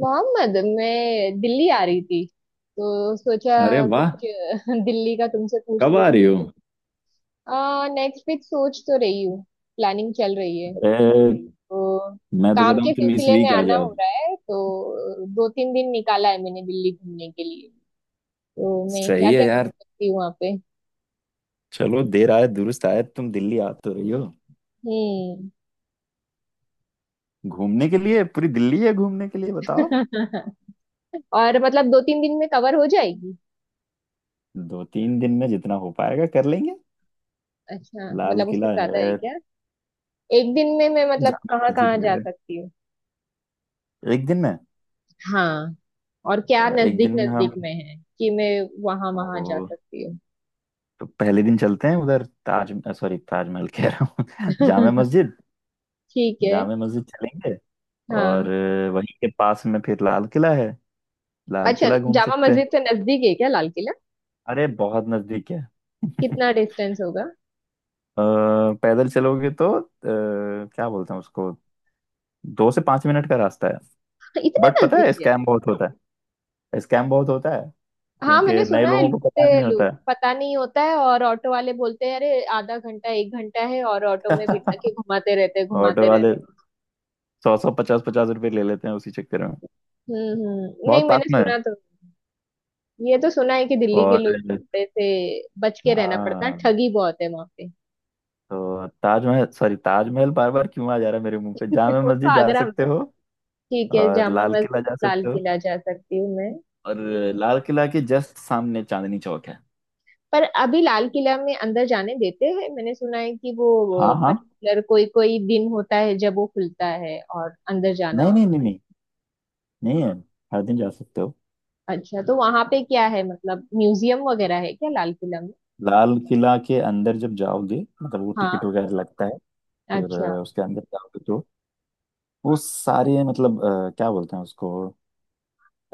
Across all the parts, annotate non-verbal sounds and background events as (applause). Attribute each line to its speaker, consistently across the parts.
Speaker 1: मोहम्मद, मैं दिल्ली आ रही थी तो सोचा
Speaker 2: अरे वाह।
Speaker 1: कुछ (laughs) दिल्ली का तुमसे पूछ
Speaker 2: कब
Speaker 1: लूं।
Speaker 2: आ रही हो?
Speaker 1: आ नेक्स्ट वीक सोच तो रही हूँ, प्लानिंग चल रही है
Speaker 2: अरे
Speaker 1: तो।
Speaker 2: मैं तो
Speaker 1: काम
Speaker 2: कहता
Speaker 1: के
Speaker 2: हूँ तुम इस
Speaker 1: सिलसिले में
Speaker 2: वीक आ
Speaker 1: आना
Speaker 2: जाओ।
Speaker 1: हो रहा है, तो दो तीन दिन निकाला है मैंने दिल्ली घूमने के लिए। तो मैं क्या
Speaker 2: सही है
Speaker 1: क्या घूम
Speaker 2: यार।
Speaker 1: सकती हूँ वहाँ पे?
Speaker 2: चलो देर आए दुरुस्त आए, तुम दिल्ली आ तो रही हो।
Speaker 1: हम्म।
Speaker 2: घूमने के लिए पूरी दिल्ली है, घूमने के लिए बताओ।
Speaker 1: (laughs) और मतलब दो तीन दिन में कवर हो जाएगी?
Speaker 2: 2-3 दिन में जितना हो पाएगा कर लेंगे।
Speaker 1: अच्छा,
Speaker 2: लाल
Speaker 1: मतलब उससे
Speaker 2: किला
Speaker 1: ज्यादा है
Speaker 2: है,
Speaker 1: क्या? एक दिन में मैं मतलब
Speaker 2: जामा
Speaker 1: कहाँ
Speaker 2: मस्जिद
Speaker 1: कहाँ जा
Speaker 2: है।
Speaker 1: सकती हूँ?
Speaker 2: एक दिन में।
Speaker 1: हाँ। और क्या
Speaker 2: एक
Speaker 1: नजदीक
Speaker 2: दिन में हम
Speaker 1: नजदीक में है कि मैं वहां वहां जा
Speaker 2: ओ,
Speaker 1: सकती हूँ?
Speaker 2: तो पहले दिन चलते हैं उधर ताज। सॉरी ताजमहल कह रहा हूँ (laughs) जामा
Speaker 1: (laughs)
Speaker 2: मस्जिद,
Speaker 1: ठीक है।
Speaker 2: जामा मस्जिद चलेंगे।
Speaker 1: हाँ।
Speaker 2: और वहीं के पास में फिर लाल किला है, लाल
Speaker 1: अच्छा,
Speaker 2: किला घूम
Speaker 1: जामा
Speaker 2: सकते हैं।
Speaker 1: मस्जिद से नजदीक है क्या लाल किला?
Speaker 2: अरे बहुत नजदीक है (laughs)
Speaker 1: कितना डिस्टेंस होगा?
Speaker 2: अ, पैदल चलोगे तो क्या बोलते हैं उसको, 2 से 5 मिनट का रास्ता है।
Speaker 1: हाँ, इतना
Speaker 2: बट पता है
Speaker 1: नजदीक है।
Speaker 2: स्कैम बहुत होता है, स्कैम बहुत होता है
Speaker 1: हाँ,
Speaker 2: क्योंकि
Speaker 1: मैंने
Speaker 2: नए
Speaker 1: सुना है
Speaker 2: लोगों को पता
Speaker 1: लूटते
Speaker 2: नहीं होता
Speaker 1: लूट
Speaker 2: है
Speaker 1: पता नहीं होता है, और ऑटो वाले बोलते हैं अरे आधा घंटा एक घंटा है, और ऑटो में बिठा के
Speaker 2: (laughs)
Speaker 1: घुमाते रहते हैं
Speaker 2: ऑटो
Speaker 1: घुमाते रहते
Speaker 2: वाले सौ सौ पचास पचास रुपए ले लेते हैं उसी चक्कर में।
Speaker 1: हैं। हम्म, नहीं
Speaker 2: बहुत पास
Speaker 1: मैंने
Speaker 2: में है
Speaker 1: सुना तो। ये तो सुना है कि दिल्ली के
Speaker 2: और।
Speaker 1: लोग से बच के रहना पड़ता है,
Speaker 2: हाँ
Speaker 1: ठगी बहुत है वहां पे।
Speaker 2: तो ताजमहल, सॉरी ताजमहल बार बार क्यों आ जा रहा है मेरे मुंह पे।
Speaker 1: (laughs)
Speaker 2: जामा
Speaker 1: वो तो
Speaker 2: मस्जिद जा
Speaker 1: आगरा में।
Speaker 2: सकते हो
Speaker 1: ठीक है,
Speaker 2: और
Speaker 1: जामा
Speaker 2: लाल किला
Speaker 1: मस्जिद
Speaker 2: जा
Speaker 1: लाल
Speaker 2: सकते हो।
Speaker 1: किला जा सकती हूँ मैं।
Speaker 2: और
Speaker 1: हम्म।
Speaker 2: लाल किला के जस्ट सामने चांदनी चौक है।
Speaker 1: पर अभी लाल किला में अंदर जाने देते हैं? मैंने सुना है कि वो
Speaker 2: हाँ हाँ।
Speaker 1: पर्टिकुलर कोई कोई दिन होता है जब वो खुलता है और अंदर जाना
Speaker 2: नहीं नहीं
Speaker 1: होता
Speaker 2: नहीं नहीं, नहीं है। हर दिन जा सकते हो।
Speaker 1: है। अच्छा, तो वहां पे क्या है, मतलब म्यूजियम वगैरह है क्या लाल किला में?
Speaker 2: लाल किला के अंदर जब जाओगे मतलब वो
Speaker 1: हाँ।
Speaker 2: टिकट वगैरह लगता है, फिर
Speaker 1: अच्छा।
Speaker 2: उसके अंदर जाओगे तो वो सारे, मतलब क्या बोलते हैं उसको,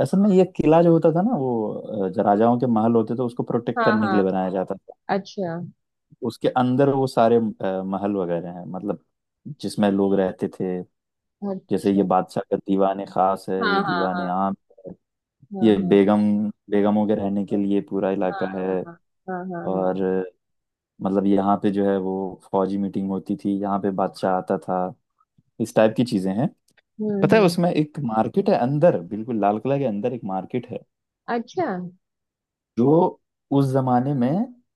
Speaker 2: असल में ये किला जो होता था ना, वो जो राजाओं के महल होते थे उसको प्रोटेक्ट
Speaker 1: हाँ
Speaker 2: करने के
Speaker 1: हाँ।
Speaker 2: लिए बनाया जाता था।
Speaker 1: अच्छा।
Speaker 2: उसके अंदर वो सारे महल वगैरह हैं, मतलब जिसमें लोग रहते थे। जैसे ये
Speaker 1: अच्छा।
Speaker 2: बादशाह का दीवाने खास है,
Speaker 1: हाँ
Speaker 2: ये
Speaker 1: हाँ हाँ
Speaker 2: दीवाने आम है, ये
Speaker 1: हाँ
Speaker 2: बेगम, बेगमों के रहने के लिए पूरा
Speaker 1: हाँ
Speaker 2: इलाका है।
Speaker 1: हाँ हाँ हाँ हाँ हाँ हाँ हाँ।
Speaker 2: और मतलब यहाँ पे जो है वो फौजी मीटिंग होती थी, यहाँ पे बादशाह आता था, इस टाइप की चीजें हैं। पता है
Speaker 1: हम्म।
Speaker 2: उसमें एक मार्केट है अंदर, बिल्कुल लाल किला के अंदर एक मार्केट है
Speaker 1: अच्छा।
Speaker 2: जो उस जमाने में,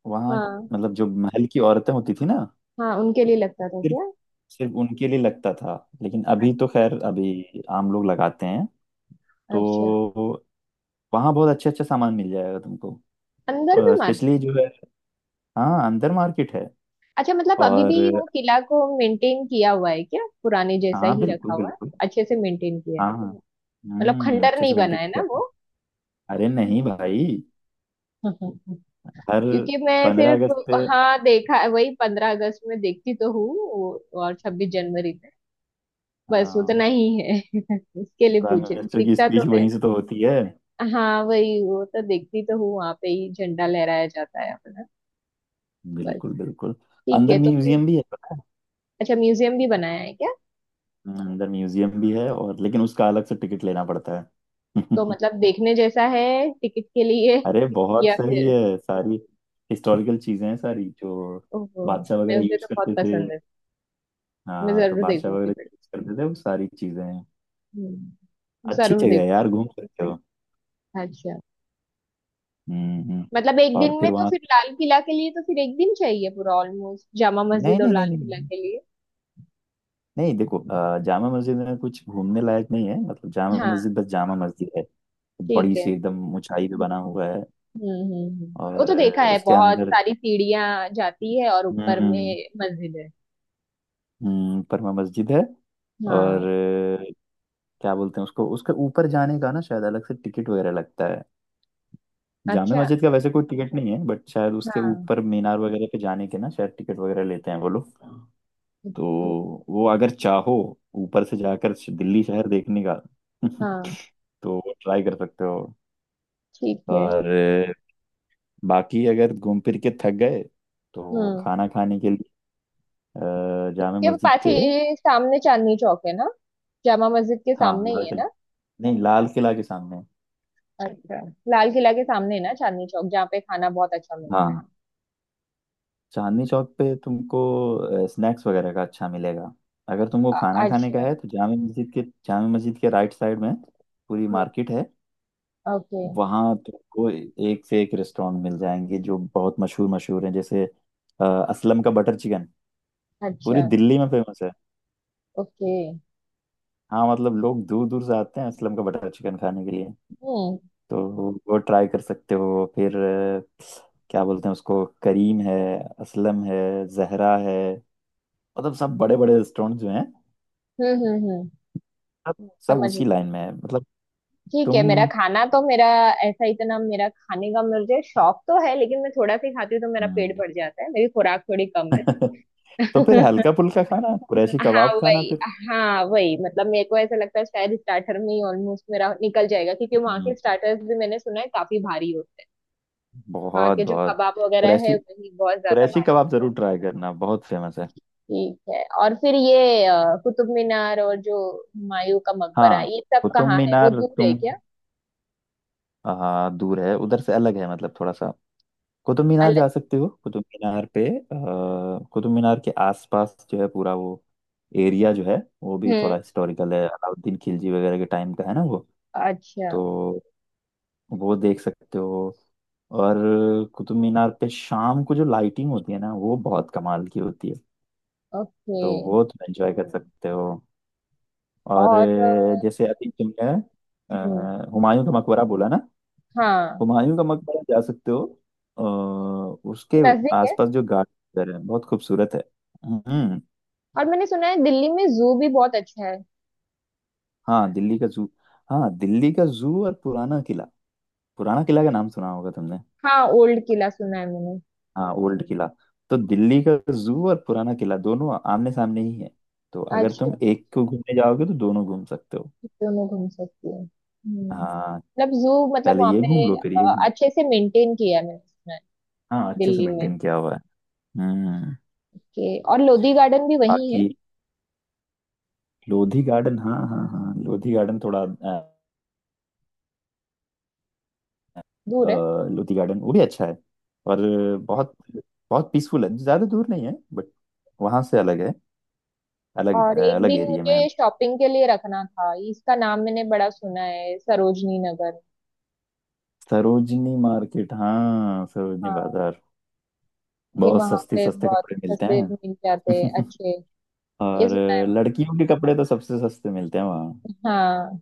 Speaker 2: वहाँ
Speaker 1: हाँ
Speaker 2: मतलब जो महल की औरतें होती थी ना,
Speaker 1: हाँ, उनके लिए लगता था
Speaker 2: सिर्फ
Speaker 1: क्या?
Speaker 2: सिर्फ उनके लिए लगता था। लेकिन अभी तो खैर अभी आम लोग लगाते हैं
Speaker 1: अच्छा।
Speaker 2: तो वहाँ बहुत अच्छा अच्छा सामान मिल जाएगा तुमको।
Speaker 1: अंदर भी मार।
Speaker 2: स्पेशली जो है, हाँ अंदर मार्केट है।
Speaker 1: अच्छा, मतलब अभी भी
Speaker 2: और
Speaker 1: वो किला को मेंटेन किया हुआ है क्या, पुराने जैसा
Speaker 2: हाँ
Speaker 1: ही रखा
Speaker 2: बिल्कुल
Speaker 1: हुआ है?
Speaker 2: बिल्कुल।
Speaker 1: अच्छे से मेंटेन किया है।
Speaker 2: हाँ हाँ।
Speaker 1: मतलब खंडर
Speaker 2: अच्छे से
Speaker 1: नहीं बना
Speaker 2: मेंटेन
Speaker 1: है ना
Speaker 2: किया।
Speaker 1: वो?
Speaker 2: अरे नहीं भाई।
Speaker 1: (laughs)
Speaker 2: हर
Speaker 1: क्योंकि मैं
Speaker 2: पंद्रह
Speaker 1: सिर्फ
Speaker 2: अगस्त पे।
Speaker 1: हाँ देखा है, वही 15 अगस्त में देखती तो हूँ, और 26 जनवरी में। बस उतना
Speaker 2: हाँ,
Speaker 1: ही है। (laughs) उसके लिए
Speaker 2: प्राइम
Speaker 1: पूछ रही,
Speaker 2: मिनिस्टर की
Speaker 1: दिखता तो
Speaker 2: स्पीच
Speaker 1: है।
Speaker 2: वहीं से तो होती है।
Speaker 1: हाँ वही, वो तो देखती तो हूँ वहां पे ही झंडा लहराया जाता है अपना। बस
Speaker 2: बिल्कुल बिल्कुल।
Speaker 1: ठीक है,
Speaker 2: अंदर
Speaker 1: तो फिर।
Speaker 2: म्यूजियम भी है पता है।
Speaker 1: अच्छा, म्यूजियम भी बनाया है क्या?
Speaker 2: अंदर म्यूजियम भी है और, लेकिन उसका अलग से टिकट लेना पड़ता है
Speaker 1: तो
Speaker 2: (laughs)
Speaker 1: मतलब देखने जैसा है टिकट के लिए?
Speaker 2: अरे
Speaker 1: (laughs)
Speaker 2: बहुत
Speaker 1: या
Speaker 2: सही
Speaker 1: फिर
Speaker 2: है, सारी हिस्टोरिकल चीजें हैं सारी जो
Speaker 1: ओहो।
Speaker 2: बादशाह
Speaker 1: मैं
Speaker 2: वगैरह
Speaker 1: मुझे
Speaker 2: यूज
Speaker 1: तो बहुत
Speaker 2: करते थे।
Speaker 1: पसंद है। मैं
Speaker 2: हाँ तो
Speaker 1: जरूर
Speaker 2: बादशाह
Speaker 1: देखूंगी
Speaker 2: वगैरह
Speaker 1: फिर।
Speaker 2: यूज करते थे, वो सारी चीजें हैं।
Speaker 1: हम्म,
Speaker 2: अच्छी
Speaker 1: जरूर
Speaker 2: जगह है
Speaker 1: देखूंगी।
Speaker 2: यार, घूम सकते हो।
Speaker 1: अच्छा,
Speaker 2: हम्म हम्म।
Speaker 1: मतलब एक दिन
Speaker 2: और
Speaker 1: में
Speaker 2: फिर
Speaker 1: तो
Speaker 2: वहां
Speaker 1: फिर लाल किला के लिए तो फिर एक दिन चाहिए पूरा ऑलमोस्ट, जामा
Speaker 2: नहीं
Speaker 1: मस्जिद और
Speaker 2: नहीं नहीं
Speaker 1: लाल किला
Speaker 2: नहीं,
Speaker 1: के लिए।
Speaker 2: नहीं देखो जामा मस्जिद में कुछ घूमने लायक नहीं है, मतलब जामा
Speaker 1: हाँ।
Speaker 2: मस्जिद बस जामा मस्जिद है।
Speaker 1: ठीक
Speaker 2: बड़ी
Speaker 1: है।
Speaker 2: सी एकदम ऊंचाई पे
Speaker 1: हम्म
Speaker 2: बना हुआ है।
Speaker 1: वो
Speaker 2: और
Speaker 1: तो देखा है,
Speaker 2: उसके
Speaker 1: बहुत
Speaker 2: अंदर।
Speaker 1: सारी सीढ़ियां जाती है और ऊपर
Speaker 2: हम्म
Speaker 1: में मस्जिद है।
Speaker 2: परमा मस्जिद है। और
Speaker 1: हाँ।
Speaker 2: क्या बोलते हैं उसको, उसके ऊपर जाने का ना शायद अलग से टिकट वगैरह लगता है। जामा
Speaker 1: अच्छा।
Speaker 2: मस्जिद का वैसे कोई टिकट नहीं है बट शायद उसके
Speaker 1: हाँ
Speaker 2: ऊपर मीनार वगैरह पे जाने के ना, शायद टिकट वगैरह लेते हैं वो लोग। तो वो अगर चाहो ऊपर से जाकर दिल्ली शहर देखने का
Speaker 1: हाँ।
Speaker 2: (laughs) तो ट्राई कर सकते हो।
Speaker 1: ठीक है।
Speaker 2: और बाकी अगर घूम फिर के थक गए तो
Speaker 1: हम्म।
Speaker 2: खाना खाने के लिए जामे
Speaker 1: ये
Speaker 2: मस्जिद
Speaker 1: पास
Speaker 2: के,
Speaker 1: ही सामने चांदनी चौक है ना, जामा मस्जिद के
Speaker 2: हाँ
Speaker 1: सामने
Speaker 2: लाल
Speaker 1: ही है
Speaker 2: किला,
Speaker 1: ना?
Speaker 2: नहीं लाल किला के सामने।
Speaker 1: अच्छा, लाल किला के सामने है ना चांदनी चौक, जहाँ पे खाना बहुत अच्छा मिलता है।
Speaker 2: हाँ, चांदनी चौक पे तुमको स्नैक्स वगैरह का अच्छा मिलेगा। अगर तुमको खाना खाने का
Speaker 1: अच्छा।
Speaker 2: है तो जामे मस्जिद के, जामे मस्जिद के राइट साइड में पूरी
Speaker 1: हम्म,
Speaker 2: मार्केट है।
Speaker 1: ओके।
Speaker 2: वहाँ तुमको एक से एक रेस्टोरेंट मिल जाएंगे जो बहुत मशहूर मशहूर हैं, जैसे असलम का बटर चिकन, पूरी
Speaker 1: अच्छा,
Speaker 2: दिल्ली में फेमस है।
Speaker 1: ओके।
Speaker 2: हाँ मतलब लोग दूर दूर से आते हैं असलम का बटर चिकन खाने के लिए।
Speaker 1: हम्म
Speaker 2: तो वो ट्राई कर सकते हो, फिर क्या बोलते हैं उसको, करीम है, असलम है, जहरा है, मतलब सब बड़े बड़े रेस्टोरेंट जो हैं,
Speaker 1: हम्म हम्म हम्म,
Speaker 2: सब सब
Speaker 1: समझ गई।
Speaker 2: उसी लाइन में है मतलब।
Speaker 1: ठीक है, मेरा
Speaker 2: तुम।
Speaker 1: खाना तो मेरा ऐसा इतना, मेरा खाने का मुझे शौक तो है, लेकिन मैं थोड़ा सा ही खाती हूँ तो मेरा पेट
Speaker 2: हम्म,
Speaker 1: भर जाता है, मेरी खुराक थोड़ी कम है।
Speaker 2: (laughs) तो फिर
Speaker 1: (laughs)
Speaker 2: हल्का फुल्का खाना, कुरैशी
Speaker 1: हाँ
Speaker 2: कबाब खाना
Speaker 1: वही।
Speaker 2: फिर।
Speaker 1: हाँ वही, मतलब मेरे को ऐसा लगता है शायद स्टार्टर में ही ऑलमोस्ट मेरा निकल जाएगा, क्योंकि वहाँ के
Speaker 2: हम्म,
Speaker 1: स्टार्टर्स भी मैंने सुना है काफी भारी होते हैं। वहाँ
Speaker 2: बहुत
Speaker 1: के जो
Speaker 2: बहुत।
Speaker 1: कबाब वगैरह है
Speaker 2: कुरैशी,
Speaker 1: वही बहुत ज्यादा
Speaker 2: कुरैशी
Speaker 1: भारी।
Speaker 2: कबाब जरूर ट्राई करना बहुत फेमस है।
Speaker 1: ठीक है। और फिर ये कुतुब मीनार, और जो हुमायूं का मकबरा
Speaker 2: हाँ
Speaker 1: ये सब
Speaker 2: कुतुब
Speaker 1: कहाँ है, वो
Speaker 2: मीनार
Speaker 1: दूर है
Speaker 2: तुम,
Speaker 1: क्या?
Speaker 2: हाँ दूर है उधर से अलग है, मतलब थोड़ा सा कुतुब मीनार
Speaker 1: अलग।
Speaker 2: जा सकते हो। कुतुब मीनार पे कुतुब मीनार के आसपास जो है, पूरा वो एरिया जो है वो भी थोड़ा
Speaker 1: हम्म।
Speaker 2: हिस्टोरिकल है, अलाउद्दीन खिलजी वगैरह के टाइम का है ना वो।
Speaker 1: अच्छा।
Speaker 2: तो वो देख सकते हो। और कुतुब मीनार पे शाम को जो लाइटिंग होती है ना, वो बहुत कमाल की होती है।
Speaker 1: ओके।
Speaker 2: तो वो तुम एंजॉय कर सकते हो। और
Speaker 1: और
Speaker 2: जैसे अभी तुमने
Speaker 1: हम्म।
Speaker 2: हुमायूं का मकबरा बोला ना,
Speaker 1: हाँ,
Speaker 2: हुमायूं का मकबरा जा सकते हो। उसके
Speaker 1: नजदीक है।
Speaker 2: आसपास जो गार्डन है बहुत खूबसूरत है। हम्म।
Speaker 1: और मैंने सुना है दिल्ली में जू भी बहुत अच्छा है।
Speaker 2: हाँ दिल्ली का जू, हाँ दिल्ली का जू और पुराना किला, पुराना किला का नाम सुना होगा तुमने।
Speaker 1: हाँ, ओल्ड किला सुना है मैंने।
Speaker 2: हाँ ओल्ड किला। तो दिल्ली का जू और पुराना किला दोनों आमने सामने ही है, तो अगर तुम
Speaker 1: अच्छा,
Speaker 2: एक को घूमने जाओगे तो दोनों घूम सकते हो।
Speaker 1: दोनों घूम सकती हूँ। हम्म।
Speaker 2: हाँ
Speaker 1: मतलब जू मतलब
Speaker 2: पहले
Speaker 1: वहाँ
Speaker 2: ये घूम
Speaker 1: पे
Speaker 2: लो फिर ये घूम।
Speaker 1: अच्छे से मेंटेन किया है मैंने सुना है।
Speaker 2: हाँ अच्छे से
Speaker 1: दिल्ली में
Speaker 2: मेंटेन किया हुआ है। हम्म।
Speaker 1: के और लोधी गार्डन भी वही है।
Speaker 2: बाकी लोधी गार्डन, हाँ हाँ हाँ लोधी गार्डन थोड़ा अ,
Speaker 1: दूर है।
Speaker 2: लोधी गार्डन वो भी अच्छा है। और बहुत बहुत पीसफुल है, ज़्यादा दूर नहीं है बट वहाँ से अलग है, अलग
Speaker 1: और एक
Speaker 2: अलग
Speaker 1: दिन
Speaker 2: एरिया में है।
Speaker 1: मुझे शॉपिंग के लिए रखना था, इसका नाम मैंने बड़ा सुना है, सरोजनी नगर।
Speaker 2: सरोजनी मार्केट, हाँ सरोजनी
Speaker 1: हाँ,
Speaker 2: बाजार,
Speaker 1: कि
Speaker 2: बहुत
Speaker 1: वहां
Speaker 2: सस्ते
Speaker 1: पे
Speaker 2: सस्ते
Speaker 1: बहुत
Speaker 2: कपड़े मिलते
Speaker 1: सस्ते
Speaker 2: हैं
Speaker 1: मिल जाते हैं,
Speaker 2: (laughs)
Speaker 1: अच्छे, ये
Speaker 2: और
Speaker 1: सुना है
Speaker 2: लड़कियों के कपड़े तो सबसे सस्ते मिलते हैं वहाँ।
Speaker 1: मैंने। हाँ,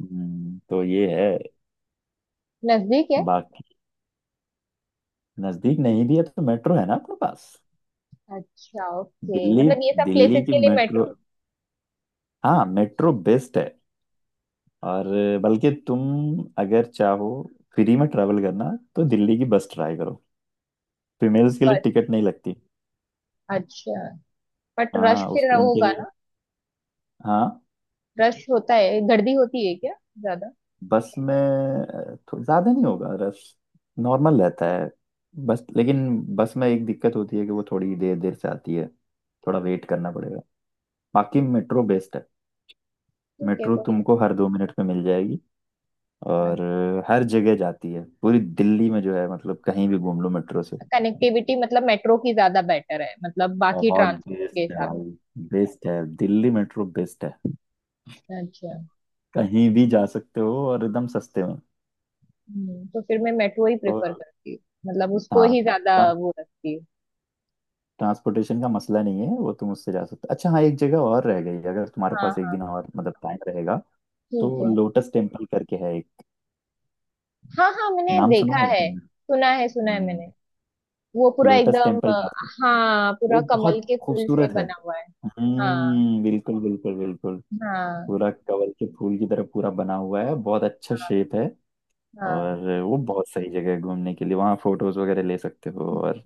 Speaker 2: तो ये है।
Speaker 1: नजदीक है।
Speaker 2: बाकी नज़दीक नहीं भी है तो मेट्रो है ना आपके पास।
Speaker 1: अच्छा, ओके,
Speaker 2: दिल्ली,
Speaker 1: मतलब ये सब
Speaker 2: दिल्ली
Speaker 1: प्लेसेस
Speaker 2: की
Speaker 1: के लिए मेट्रो।
Speaker 2: मेट्रो। हाँ मेट्रो बेस्ट है। और बल्कि तुम अगर चाहो फ्री में ट्रैवल करना तो दिल्ली की बस ट्राई करो। फीमेल्स के लिए
Speaker 1: बस।
Speaker 2: टिकट नहीं लगती।
Speaker 1: अच्छा, बट रश
Speaker 2: हाँ
Speaker 1: फिर
Speaker 2: उसको उनके
Speaker 1: होगा
Speaker 2: लिए,
Speaker 1: ना?
Speaker 2: हाँ।
Speaker 1: रश होता है, गर्दी होती है क्या, ज्यादा?
Speaker 2: बस में ज्यादा नहीं होगा रश, नॉर्मल रहता है। बस लेकिन बस में एक दिक्कत होती है कि वो थोड़ी देर देर से आती है, थोड़ा वेट करना पड़ेगा। बाकी मेट्रो बेस्ट है,
Speaker 1: ठीक है,
Speaker 2: मेट्रो
Speaker 1: कोई
Speaker 2: तुमको हर 2 मिनट में मिल जाएगी।
Speaker 1: नहीं।
Speaker 2: और हर जगह जाती है पूरी दिल्ली में जो है, मतलब कहीं भी घूम लो मेट्रो से।
Speaker 1: कनेक्टिविटी मतलब मेट्रो की ज्यादा बेटर है, मतलब बाकी
Speaker 2: बहुत
Speaker 1: ट्रांसपोर्ट के
Speaker 2: बेस्ट है
Speaker 1: हिसाब
Speaker 2: भाई, बेस्ट है, दिल्ली मेट्रो बेस्ट है।
Speaker 1: से। अच्छा।
Speaker 2: कहीं भी जा सकते हो और एकदम सस्ते में।
Speaker 1: तो फिर मैं मेट्रो ही
Speaker 2: तो
Speaker 1: प्रेफर करती हूँ, मतलब उसको
Speaker 2: हाँ,
Speaker 1: ही ज्यादा वो रखती हूँ।
Speaker 2: ट्रांसपोर्टेशन का मसला नहीं है, वो तुम उससे जा सकते हो। अच्छा हाँ, एक जगह और रह गई अगर तुम्हारे
Speaker 1: हाँ
Speaker 2: पास एक
Speaker 1: हाँ।
Speaker 2: दिन और मतलब टाइम रहेगा
Speaker 1: ठीक
Speaker 2: तो
Speaker 1: है।
Speaker 2: लोटस टेम्पल करके है एक,
Speaker 1: हाँ हाँ, मैंने
Speaker 2: नाम सुना
Speaker 1: देखा
Speaker 2: होगा
Speaker 1: है,
Speaker 2: तुमने।
Speaker 1: सुना है, सुना है मैंने। वो पूरा
Speaker 2: लोटस
Speaker 1: एकदम
Speaker 2: टेम्पल जा सकते हो।
Speaker 1: हाँ
Speaker 2: वो
Speaker 1: पूरा कमल
Speaker 2: बहुत
Speaker 1: के फूल से
Speaker 2: खूबसूरत है।
Speaker 1: बना हुआ है। हाँ
Speaker 2: बिल्कुल बिल्कुल बिल्कुल।
Speaker 1: हाँ
Speaker 2: पूरा कमल के फूल की तरह पूरा बना हुआ है, बहुत अच्छा शेप है।
Speaker 1: हाँ।
Speaker 2: और वो बहुत सही जगह है घूमने के लिए। वहाँ फोटोज वगैरह ले सकते हो और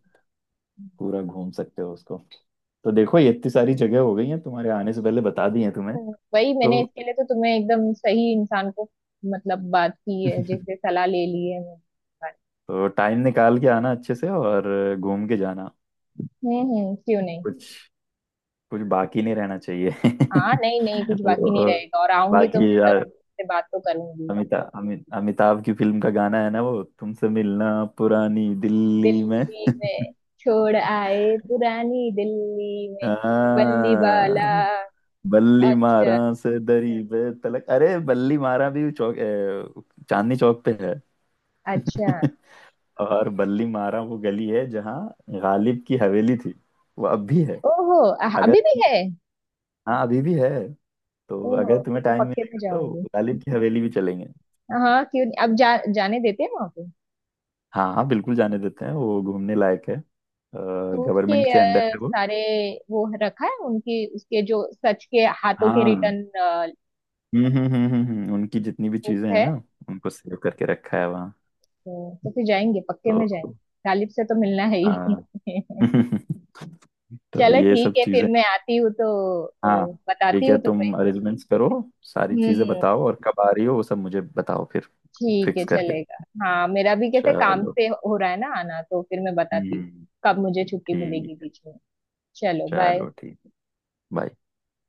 Speaker 2: पूरा घूम सकते हो उसको। तो देखो ये इतनी सारी जगह हो गई हैं, तुम्हारे आने से पहले बता दी हैं तुम्हें
Speaker 1: वही मैंने
Speaker 2: तो
Speaker 1: इसके लिए तो तुम्हें एकदम सही इंसान को मतलब बात की है,
Speaker 2: (laughs)
Speaker 1: जैसे सलाह ले ली है मैंने।
Speaker 2: तो टाइम निकाल के आना अच्छे से और घूम के जाना,
Speaker 1: हम्म, क्यों नहीं।
Speaker 2: कुछ कुछ बाकी नहीं रहना चाहिए
Speaker 1: हाँ नहीं नहीं,
Speaker 2: (laughs)
Speaker 1: कुछ बाकी नहीं
Speaker 2: वो।
Speaker 1: रहेगा, और आऊंगी तो
Speaker 2: बाकी
Speaker 1: मैं जरूर
Speaker 2: यार
Speaker 1: से बात तो करूंगी।
Speaker 2: अमिताभ अमिताभ की फिल्म का गाना है ना, वो तुमसे मिलना पुरानी दिल्ली में
Speaker 1: दिल्ली में
Speaker 2: (laughs)
Speaker 1: छोड़ आए पुरानी दिल्ली में बल्ली बाला।
Speaker 2: हाँ, बल्ली मारा
Speaker 1: अच्छा।
Speaker 2: से दरी पे तलक, अरे बल्ली मारा भी चौक, चांदनी चौक पे है
Speaker 1: अच्छा।
Speaker 2: (laughs) और बल्ली मारा वो गली है जहाँ गालिब की हवेली थी, वो अब भी है।
Speaker 1: ओहो
Speaker 2: अगर
Speaker 1: अभी भी
Speaker 2: तुम्हें,
Speaker 1: है।
Speaker 2: हाँ अभी भी है, तो
Speaker 1: ओहो,
Speaker 2: अगर
Speaker 1: फिर
Speaker 2: तुम्हें
Speaker 1: तो
Speaker 2: टाइम
Speaker 1: पक्के में
Speaker 2: मिलेगा तो
Speaker 1: जाऊंगी।
Speaker 2: गालिब की हवेली भी चलेंगे।
Speaker 1: हाँ, क्यों नहीं, अब जाने देते हैं वहां पे।
Speaker 2: हाँ हाँ बिल्कुल जाने देते हैं, वो घूमने लायक है,
Speaker 1: तो उसके
Speaker 2: गवर्नमेंट के अंडर है वो।
Speaker 1: सारे वो रखा है उनकी उसके जो सच के हाथों के
Speaker 2: हाँ
Speaker 1: रिटर्न
Speaker 2: उनकी जितनी भी
Speaker 1: बुक
Speaker 2: चीजें हैं
Speaker 1: है।
Speaker 2: ना उनको सेव करके रखा है।
Speaker 1: तो फिर जाएंगे, पक्के
Speaker 2: तो
Speaker 1: में जाएंगे। गालिब से तो मिलना है ही।
Speaker 2: हाँ
Speaker 1: (laughs)
Speaker 2: (laughs) तो
Speaker 1: चलो,
Speaker 2: ये
Speaker 1: ठीक
Speaker 2: सब
Speaker 1: है, फिर
Speaker 2: चीजें।
Speaker 1: मैं आती हूँ तो,
Speaker 2: हाँ
Speaker 1: तो बताती
Speaker 2: ठीक है,
Speaker 1: हूँ तुम्हें।
Speaker 2: तुम अरेंजमेंट्स करो, सारी चीजें
Speaker 1: हम्म,
Speaker 2: बताओ और कब आ रही हो वो सब मुझे बताओ फिर,
Speaker 1: ठीक
Speaker 2: फिक्स
Speaker 1: है,
Speaker 2: करके।
Speaker 1: चलेगा। हाँ, मेरा भी कैसे काम
Speaker 2: चलो
Speaker 1: से हो रहा है ना आना, तो फिर मैं बताती हूँ
Speaker 2: हम्म,
Speaker 1: कब मुझे छुट्टी
Speaker 2: ठीक
Speaker 1: मिलेगी
Speaker 2: है।
Speaker 1: बीच में। चलो, बाय।
Speaker 2: चलो ठीक। बाय।